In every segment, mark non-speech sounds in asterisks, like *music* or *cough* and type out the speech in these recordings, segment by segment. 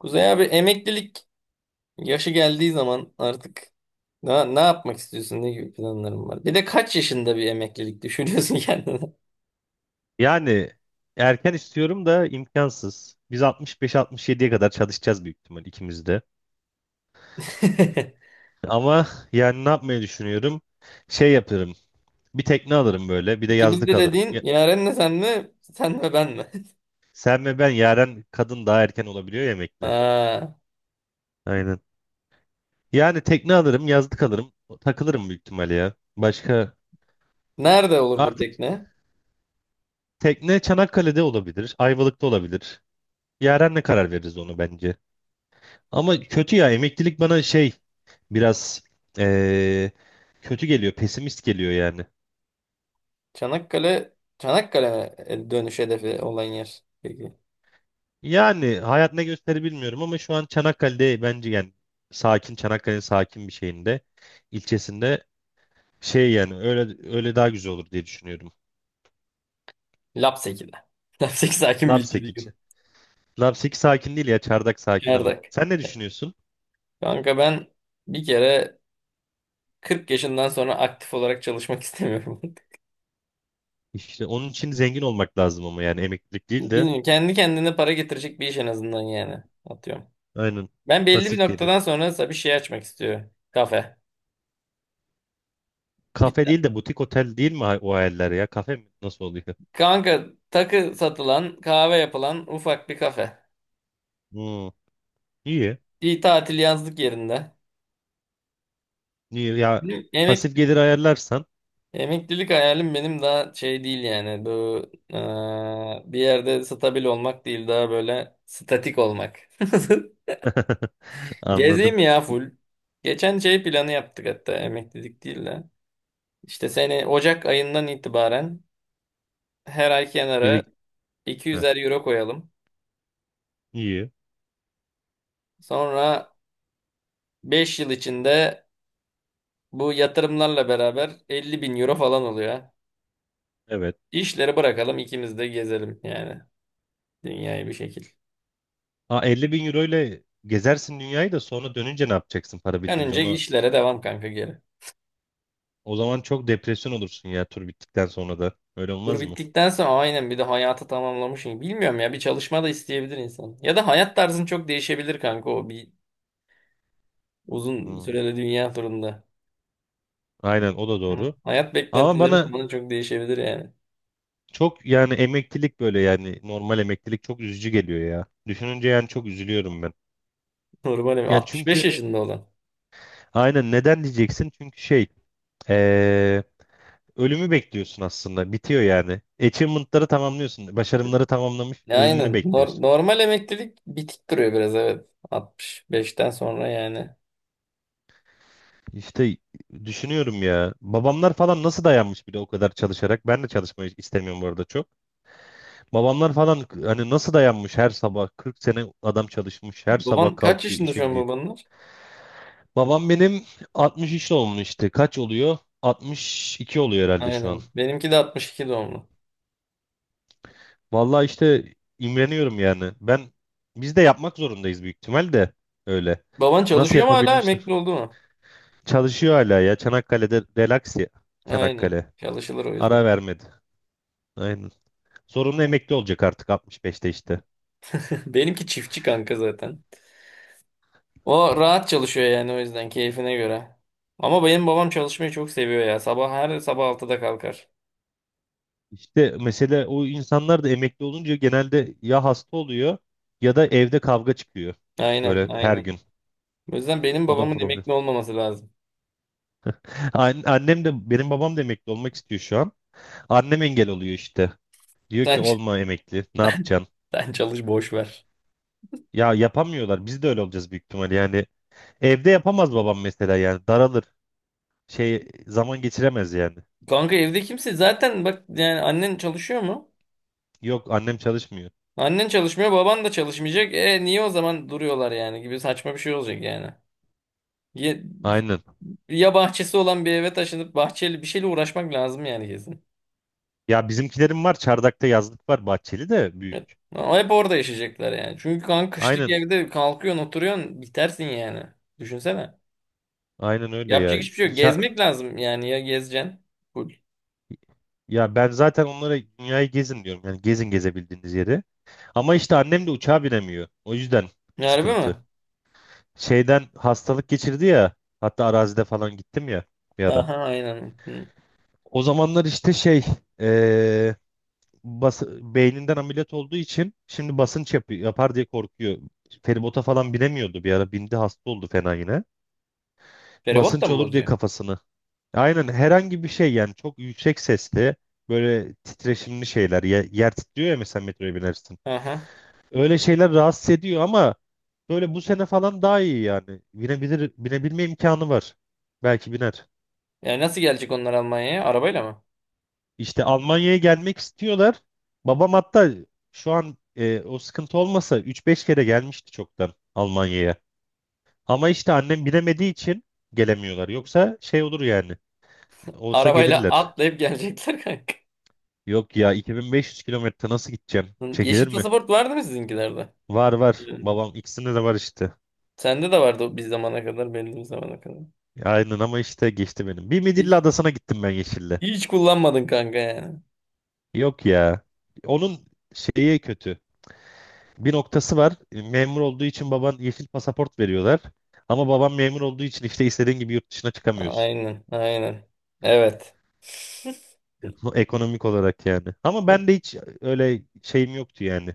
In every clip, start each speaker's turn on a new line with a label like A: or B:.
A: Kuzey abi emeklilik yaşı geldiği zaman artık ne yapmak istiyorsun? Ne gibi planların var? Bir de kaç yaşında bir emeklilik düşünüyorsun *laughs* kendine?
B: Yani erken istiyorum da imkansız. Biz 65-67'ye kadar çalışacağız büyük ihtimal ikimiz de.
A: *laughs*
B: Ama yani ne yapmayı düşünüyorum? Şey yaparım. Bir tekne alırım böyle. Bir de
A: İkimiz
B: yazlık
A: de
B: alırım.
A: dediğin Yaren'le sen mi? Sen ve ben mi? *laughs*
B: Sen ve ben, Yaren kadın daha erken olabiliyor yemekli.
A: Ha,
B: Aynen. Yani tekne alırım, yazlık alırım. Takılırım büyük ihtimal ya. Başka
A: nerede olur bu
B: artık
A: tekne?
B: tekne Çanakkale'de olabilir. Ayvalık'ta olabilir. Yaren'le karar veririz onu bence. Ama kötü ya, emeklilik bana biraz eee, kötü geliyor, pesimist geliyor yani.
A: Çanakkale Çanakkale mi? E, dönüş hedefi olan yer. Peki.
B: Yani hayat ne gösterir bilmiyorum ama şu an Çanakkale'de bence, yani sakin Çanakkale'nin sakin bir şeyinde, ilçesinde, yani öyle öyle daha güzel olur diye düşünüyorum.
A: Lapseki'de. *laughs* Lapseki sakin bir ilçe
B: Lapseki
A: değil.
B: için. Lapseki sakin değil ya, Çardak sakin ama.
A: Çardak.
B: Sen ne düşünüyorsun?
A: Kanka ben bir kere 40 yaşından sonra aktif olarak çalışmak *laughs* istemiyorum.
B: İşte onun için zengin olmak lazım, ama yani emeklilik değil de
A: Bilmiyorum. Kendi kendine para getirecek bir iş en azından yani. Atıyorum.
B: aynen,
A: Ben belli bir
B: pasif
A: noktadan
B: gelir.
A: sonra mesela bir şey açmak istiyorum. Kafe. Bir,
B: Kafe değil de butik otel değil mi, o hayaller ya? Kafe mi? Nasıl oluyor?
A: kanka takı satılan, kahve yapılan ufak bir kafe.
B: Hmm, iyi.
A: Bir tatil yazlık yerinde.
B: İyi, ya
A: Benim
B: pasif gelir ayarlarsan.
A: emeklilik hayalim benim daha şey değil yani. Bu bir yerde stabil olmak değil daha böyle statik olmak.
B: *laughs*
A: *laughs*
B: Anladım.
A: Gezeyim ya full. Geçen şey planı yaptık hatta emeklilik değil de. İşte seni Ocak ayından itibaren her ay kenara
B: Birik Heh,
A: 200'er euro koyalım.
B: iyi.
A: Sonra 5 yıl içinde bu yatırımlarla beraber 50 bin euro falan oluyor.
B: Evet.
A: İşleri bırakalım ikimiz de gezelim yani dünyayı bir şekil.
B: Aa, 50 bin euro ile gezersin dünyayı da, sonra dönünce ne yapacaksın para bitince?
A: Önce
B: Onu
A: işlere devam kanka geri.
B: o zaman çok depresyon olursun ya tur bittikten sonra da. Öyle
A: Dur
B: olmaz mı?
A: bittikten sonra aynen bir de hayatı tamamlamışım. Bilmiyorum ya bir çalışma da isteyebilir insan. Ya da hayat tarzın çok değişebilir kanka o bir uzun
B: Hmm,
A: süreli dünya turunda.
B: aynen, o da
A: Hı.
B: doğru.
A: Hayat
B: Ama
A: beklentilerin
B: bana
A: falan çok değişebilir yani.
B: çok, yani emeklilik böyle, yani normal emeklilik çok üzücü geliyor ya. Düşününce yani çok üzülüyorum ben.
A: Normal
B: Yani
A: 65
B: çünkü
A: yaşında olan.
B: aynen, neden diyeceksin? Çünkü ee, ölümü bekliyorsun aslında. Bitiyor yani. Achievement'ları tamamlıyorsun. Başarımları tamamlamış, ölümünü
A: Aynen.
B: bekliyorsun.
A: Normal emeklilik bitik duruyor biraz, evet. 65'ten sonra yani.
B: İşte düşünüyorum ya. Babamlar falan nasıl dayanmış bir de o kadar çalışarak. Ben de çalışmayı istemiyorum bu arada çok. Babamlar falan hani nasıl dayanmış, her sabah 40 sene adam çalışmış. Her sabah
A: Baban kaç
B: kalkıyor,
A: yaşında
B: işe
A: şu an,
B: gidiyor.
A: babanlar?
B: Babam benim 63 doğumlu işte. Kaç oluyor? 62 oluyor herhalde şu an.
A: Aynen. Benimki de 62 doğumlu.
B: Vallahi işte imreniyorum yani. Biz de yapmak zorundayız büyük ihtimal de öyle.
A: Baban
B: Nasıl
A: çalışıyor mu hala, emekli
B: yapabilmişler?
A: oldu mu?
B: Çalışıyor hala ya. Çanakkale'de relax ya.
A: Aynen.
B: Çanakkale.
A: Çalışılır o
B: Ara
A: yüzden.
B: vermedi. Aynen. Zorunlu emekli olacak artık 65'te işte.
A: *laughs* Benimki çiftçi kanka zaten. O rahat çalışıyor yani o yüzden keyfine göre. Ama benim babam çalışmayı çok seviyor ya. Sabah her sabah 6'da kalkar.
B: İşte mesele, o insanlar da emekli olunca genelde ya hasta oluyor ya da evde kavga çıkıyor.
A: Aynen,
B: Böyle her
A: aynen.
B: gün.
A: O yüzden benim
B: O da
A: babamın
B: problem.
A: emekli olmaması lazım.
B: *laughs* Annem de, benim babam da emekli olmak istiyor şu an. Annem engel oluyor işte. Diyor
A: Sen,
B: ki
A: ç-
B: olma emekli. Ne yapacaksın?
A: *laughs* Sen çalış, boş ver.
B: Ya yapamıyorlar. Biz de öyle olacağız büyük ihtimal. Yani evde yapamaz babam mesela, yani daralır. Zaman geçiremez yani.
A: Kanka evde kimse zaten bak yani, annen çalışıyor mu?
B: Yok annem çalışmıyor.
A: Annen çalışmıyor, baban da çalışmayacak. E niye o zaman duruyorlar yani, gibi saçma bir şey olacak yani. Ya,
B: Aynen.
A: ya bahçesi olan bir eve taşınıp bahçeli bir şeyle uğraşmak lazım yani, kesin.
B: Ya bizimkilerim var. Çardak'ta yazlık var. Bahçeli de
A: Evet.
B: büyük.
A: Ama hep orada yaşayacaklar yani. Çünkü kanka kışlık
B: Aynen.
A: evde kalkıyorsun, oturuyorsun, bitersin yani. Düşünsene.
B: Aynen öyle ya.
A: Yapacak hiçbir şey yok. Gezmek lazım yani, ya gezeceksin. Full.
B: Ya ben zaten onlara dünyayı gezin diyorum. Yani gezin gezebildiğiniz yeri. Ama işte annem de uçağa binemiyor. O yüzden
A: Harbi mi?
B: sıkıntı. Şeyden hastalık geçirdi ya. Hatta arazide falan gittim ya bir ara.
A: Aha, aynen. Hı.
B: O zamanlar işte eee, beyninden ameliyat olduğu için şimdi basınç yapar diye korkuyor. Feribota falan binemiyordu bir ara. Bindi, hasta oldu fena yine.
A: Feribot da
B: Basınç
A: mı
B: olur diye
A: bozuyor?
B: kafasını. Aynen, herhangi bir şey yani, çok yüksek sesli böyle titreşimli şeyler, yer titriyor ya mesela metroya binersin.
A: Aha.
B: Öyle şeyler rahatsız ediyor, ama böyle bu sene falan daha iyi yani. Binebilir, binebilme imkanı var. Belki biner.
A: Yani nasıl gelecek onlar Almanya'ya? Arabayla mı?
B: İşte Almanya'ya gelmek istiyorlar. Babam hatta şu an o sıkıntı olmasa üç beş kere gelmişti çoktan Almanya'ya. Ama işte annem binemediği için gelemiyorlar. Yoksa şey olur yani. Olsa
A: Arabayla
B: gelirler.
A: atlayıp gelecekler kanka.
B: Yok ya, 2500 kilometre nasıl gideceğim? Çekilir
A: Yeşil
B: mi?
A: pasaport vardı mı sizinkilerde?
B: Var var.
A: Hmm.
B: Babam ikisinde de var işte.
A: Sende de vardı o bir zamana kadar belli bir zamana kadar.
B: Aynen, ama işte geçti benim. Bir Midilli
A: Hiç,
B: Adası'na gittim ben Yeşil'le.
A: hiç kullanmadın kanka yani.
B: Yok ya. Onun şeyi kötü. Bir noktası var. Memur olduğu için baban, yeşil pasaport veriyorlar. Ama babam memur olduğu için işte istediğin gibi yurt dışına çıkamıyorsun.
A: Aynen, aynen. Evet. *laughs*
B: Bu ekonomik olarak yani. Ama ben de hiç öyle şeyim yoktu yani.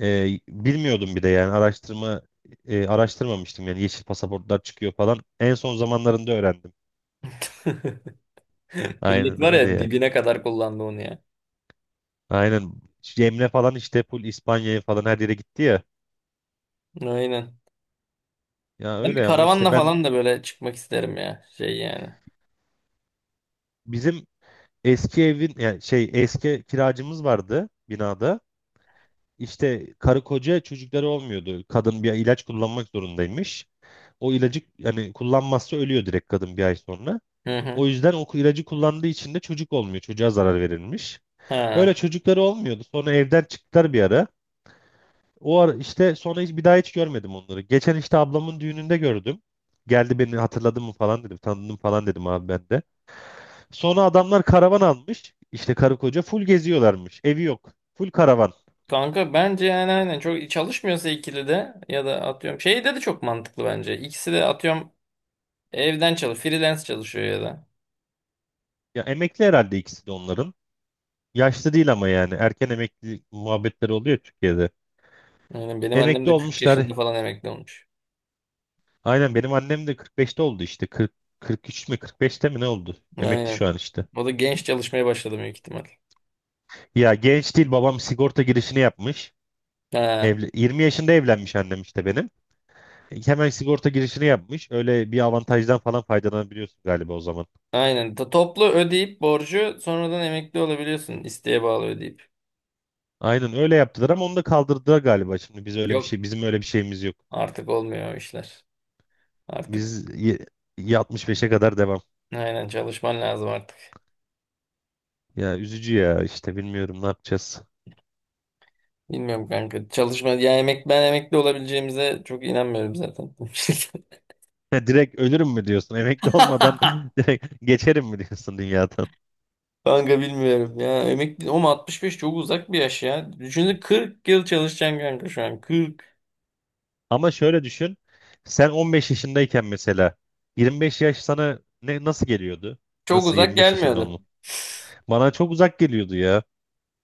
B: E, bilmiyordum bir de yani araştırmamıştım yani yeşil pasaportlar çıkıyor falan. En son zamanlarında öğrendim.
A: Millet
B: Aynen
A: var
B: öyle
A: ya
B: yani.
A: dibine kadar kullandı onu ya.
B: Aynen. Şu Emre falan işte full İspanya'ya falan her yere gitti ya.
A: Aynen.
B: Ya
A: Ben bir
B: öyle, ama işte
A: karavanla
B: ben
A: falan da böyle çıkmak isterim ya. Şey yani.
B: bizim eski evin yani, eski kiracımız vardı binada. İşte karı koca, çocukları olmuyordu. Kadın bir ilaç kullanmak zorundaymış. O ilacı yani kullanmazsa ölüyor direkt kadın bir ay sonra.
A: Hı hı.
B: O yüzden o ilacı kullandığı için de çocuk olmuyor. Çocuğa zarar verilmiş. Öyle
A: Ha.
B: çocukları olmuyordu. Sonra evden çıktılar bir ara. O ara işte sonra hiç bir daha hiç görmedim onları. Geçen işte ablamın düğününde gördüm. Geldi, beni hatırladın mı falan dedim. Tanıdın falan dedim abi ben de. Sonra adamlar karavan almış. İşte karı koca full geziyorlarmış. Evi yok. Full karavan.
A: Kanka bence yani aynen çok çalışmıyorsa ikili de, ya da atıyorum. Şeyde de çok mantıklı bence. İkisi de atıyorum, evden çalış, freelance çalışıyor ya da.
B: Ya emekli herhalde ikisi de onların. Yaşlı değil ama yani. Erken emekli muhabbetleri oluyor Türkiye'de.
A: Aynen benim annem
B: Emekli
A: de 40
B: olmuşlar.
A: yaşında falan emekli olmuş.
B: Aynen benim annem de 45'te oldu işte. 40, 43 mi 45'te mi ne oldu? Emekli şu
A: Aynen.
B: an işte.
A: O da genç çalışmaya başladı büyük ihtimal.
B: Ya genç değil, babam sigorta girişini yapmış.
A: Ha,
B: Evli, 20 yaşında evlenmiş annem işte benim. Hemen sigorta girişini yapmış. Öyle bir avantajdan falan faydalanabiliyorsun galiba o zaman.
A: aynen. Toplu ödeyip borcu sonradan emekli olabiliyorsun. İsteğe bağlı ödeyip.
B: Aynen öyle yaptılar, ama onu da kaldırdılar galiba. Şimdi biz öyle bir
A: Yok,
B: şey bizim öyle bir şeyimiz yok.
A: artık olmuyor o işler. Artık
B: Biz 65'e kadar devam.
A: aynen çalışman lazım artık.
B: Ya üzücü ya işte, bilmiyorum ne yapacağız.
A: Bilmiyorum kanka. Çalışma ya, ben emekli olabileceğimize çok inanmıyorum zaten.
B: *laughs* Direkt ölürüm mü diyorsun? Emekli olmadan *laughs*
A: *laughs*
B: direkt geçerim mi diyorsun dünyada?
A: Kanka bilmiyorum ya. Emekli ama 65 çok uzak bir yaş ya. Düşünsene 40 yıl çalışacaksın kanka şu an. 40.
B: Ama şöyle düşün. Sen 15 yaşındayken mesela 25 yaş sana nasıl geliyordu?
A: Çok
B: Nasıl
A: uzak
B: 25 yaşında
A: gelmiyordu.
B: olmak? Bana çok uzak geliyordu ya.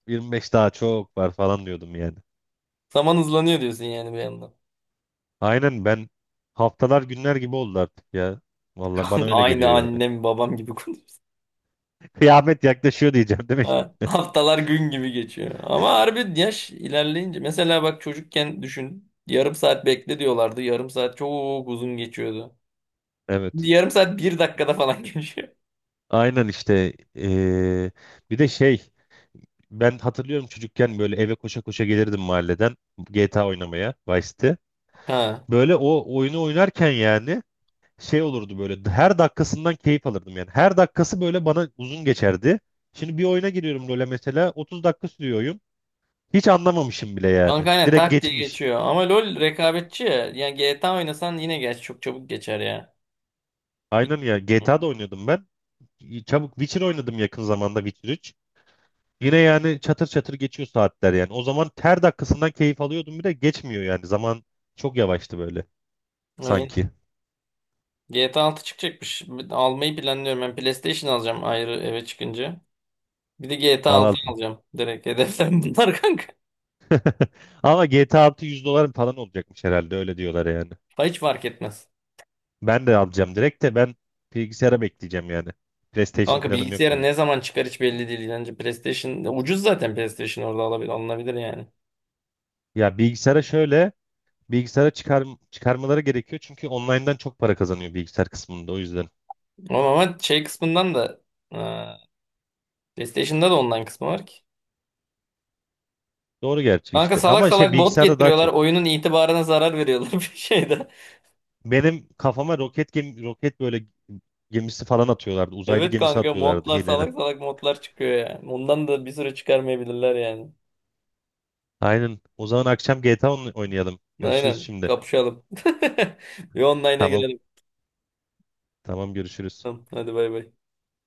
B: 25 daha çok var falan diyordum yani.
A: Zaman hızlanıyor diyorsun yani bir yandan.
B: Aynen ben, haftalar günler gibi oldu artık ya. Vallahi bana
A: *laughs*
B: öyle
A: Aynı
B: geliyor yani.
A: annem babam gibi konuşuyor.
B: *laughs* Kıyamet yaklaşıyor diyeceğim değil mi
A: Ha,
B: şimdi?
A: haftalar gün gibi geçiyor. Ama harbi yaş ilerleyince mesela bak çocukken düşün. Yarım saat bekle diyorlardı. Yarım saat çok uzun geçiyordu. Şimdi
B: Evet.
A: yarım saat bir dakikada falan *laughs* geçiyor.
B: Aynen işte. Bir de ben hatırlıyorum çocukken böyle eve koşa koşa gelirdim mahalleden, GTA oynamaya, Vice City.
A: Ha.
B: Böyle o oyunu oynarken yani şey olurdu, böyle her dakikasından keyif alırdım yani. Her dakikası böyle bana uzun geçerdi. Şimdi bir oyuna giriyorum LoL'e mesela, 30 dakika sürüyor oyun. Hiç anlamamışım bile yani.
A: Kanka aynen
B: Direkt
A: tak diye
B: geçmiş.
A: geçiyor. Ama LoL rekabetçi ya. Yani GTA oynasan yine geç çok çabuk geçer ya.
B: Aynen ya,
A: Bitti.
B: GTA'da oynuyordum ben. Çabuk Witcher oynadım yakın zamanda, Witcher 3. Yine yani çatır çatır geçiyor saatler yani. O zaman her dakikasından keyif alıyordum, bir de geçmiyor yani. Zaman çok yavaştı böyle
A: Aynen.
B: sanki.
A: GTA 6 çıkacakmış. Ben almayı planlıyorum. Ben PlayStation alacağım ayrı eve çıkınca. Bir de GTA
B: Al
A: 6
B: al.
A: Alacağım. Direkt hedeflerim bunlar *laughs* kanka.
B: *laughs* Ama GTA 6 100 dolar falan olacakmış herhalde, öyle diyorlar yani.
A: Ha, hiç fark etmez.
B: Ben de alacağım direkt, de ben bilgisayara bekleyeceğim yani. PlayStation
A: Kanka
B: planım yok
A: bilgisayara
B: benim.
A: ne zaman çıkar hiç belli değil. Bence PlayStation ucuz zaten, PlayStation orada alabilir, alınabilir yani.
B: Ya bilgisayara şöyle, bilgisayara çıkar, çıkarmaları gerekiyor çünkü online'dan çok para kazanıyor bilgisayar kısmında, o yüzden.
A: Ama şey kısmından da e, PlayStation'da da online kısmı var ki.
B: Doğru gerçi
A: Kanka
B: işte,
A: salak
B: ama
A: salak bot
B: bilgisayarda daha
A: getiriyorlar.
B: çok.
A: Oyunun itibarına zarar veriyorlar *laughs* bir şeyde.
B: Benim kafama roket böyle gemisi falan atıyorlardı. Uzaylı
A: Evet
B: gemisi
A: kanka
B: atıyorlardı
A: modlar
B: hilene.
A: salak salak modlar çıkıyor yani. Ondan da bir süre çıkarmayabilirler yani.
B: Aynen. O zaman akşam GTA oynayalım. Görüşürüz
A: Aynen.
B: şimdi.
A: Kapışalım. *laughs* Bir online'a
B: Tamam.
A: girelim.
B: Tamam görüşürüz.
A: Tamam, hadi bay bay.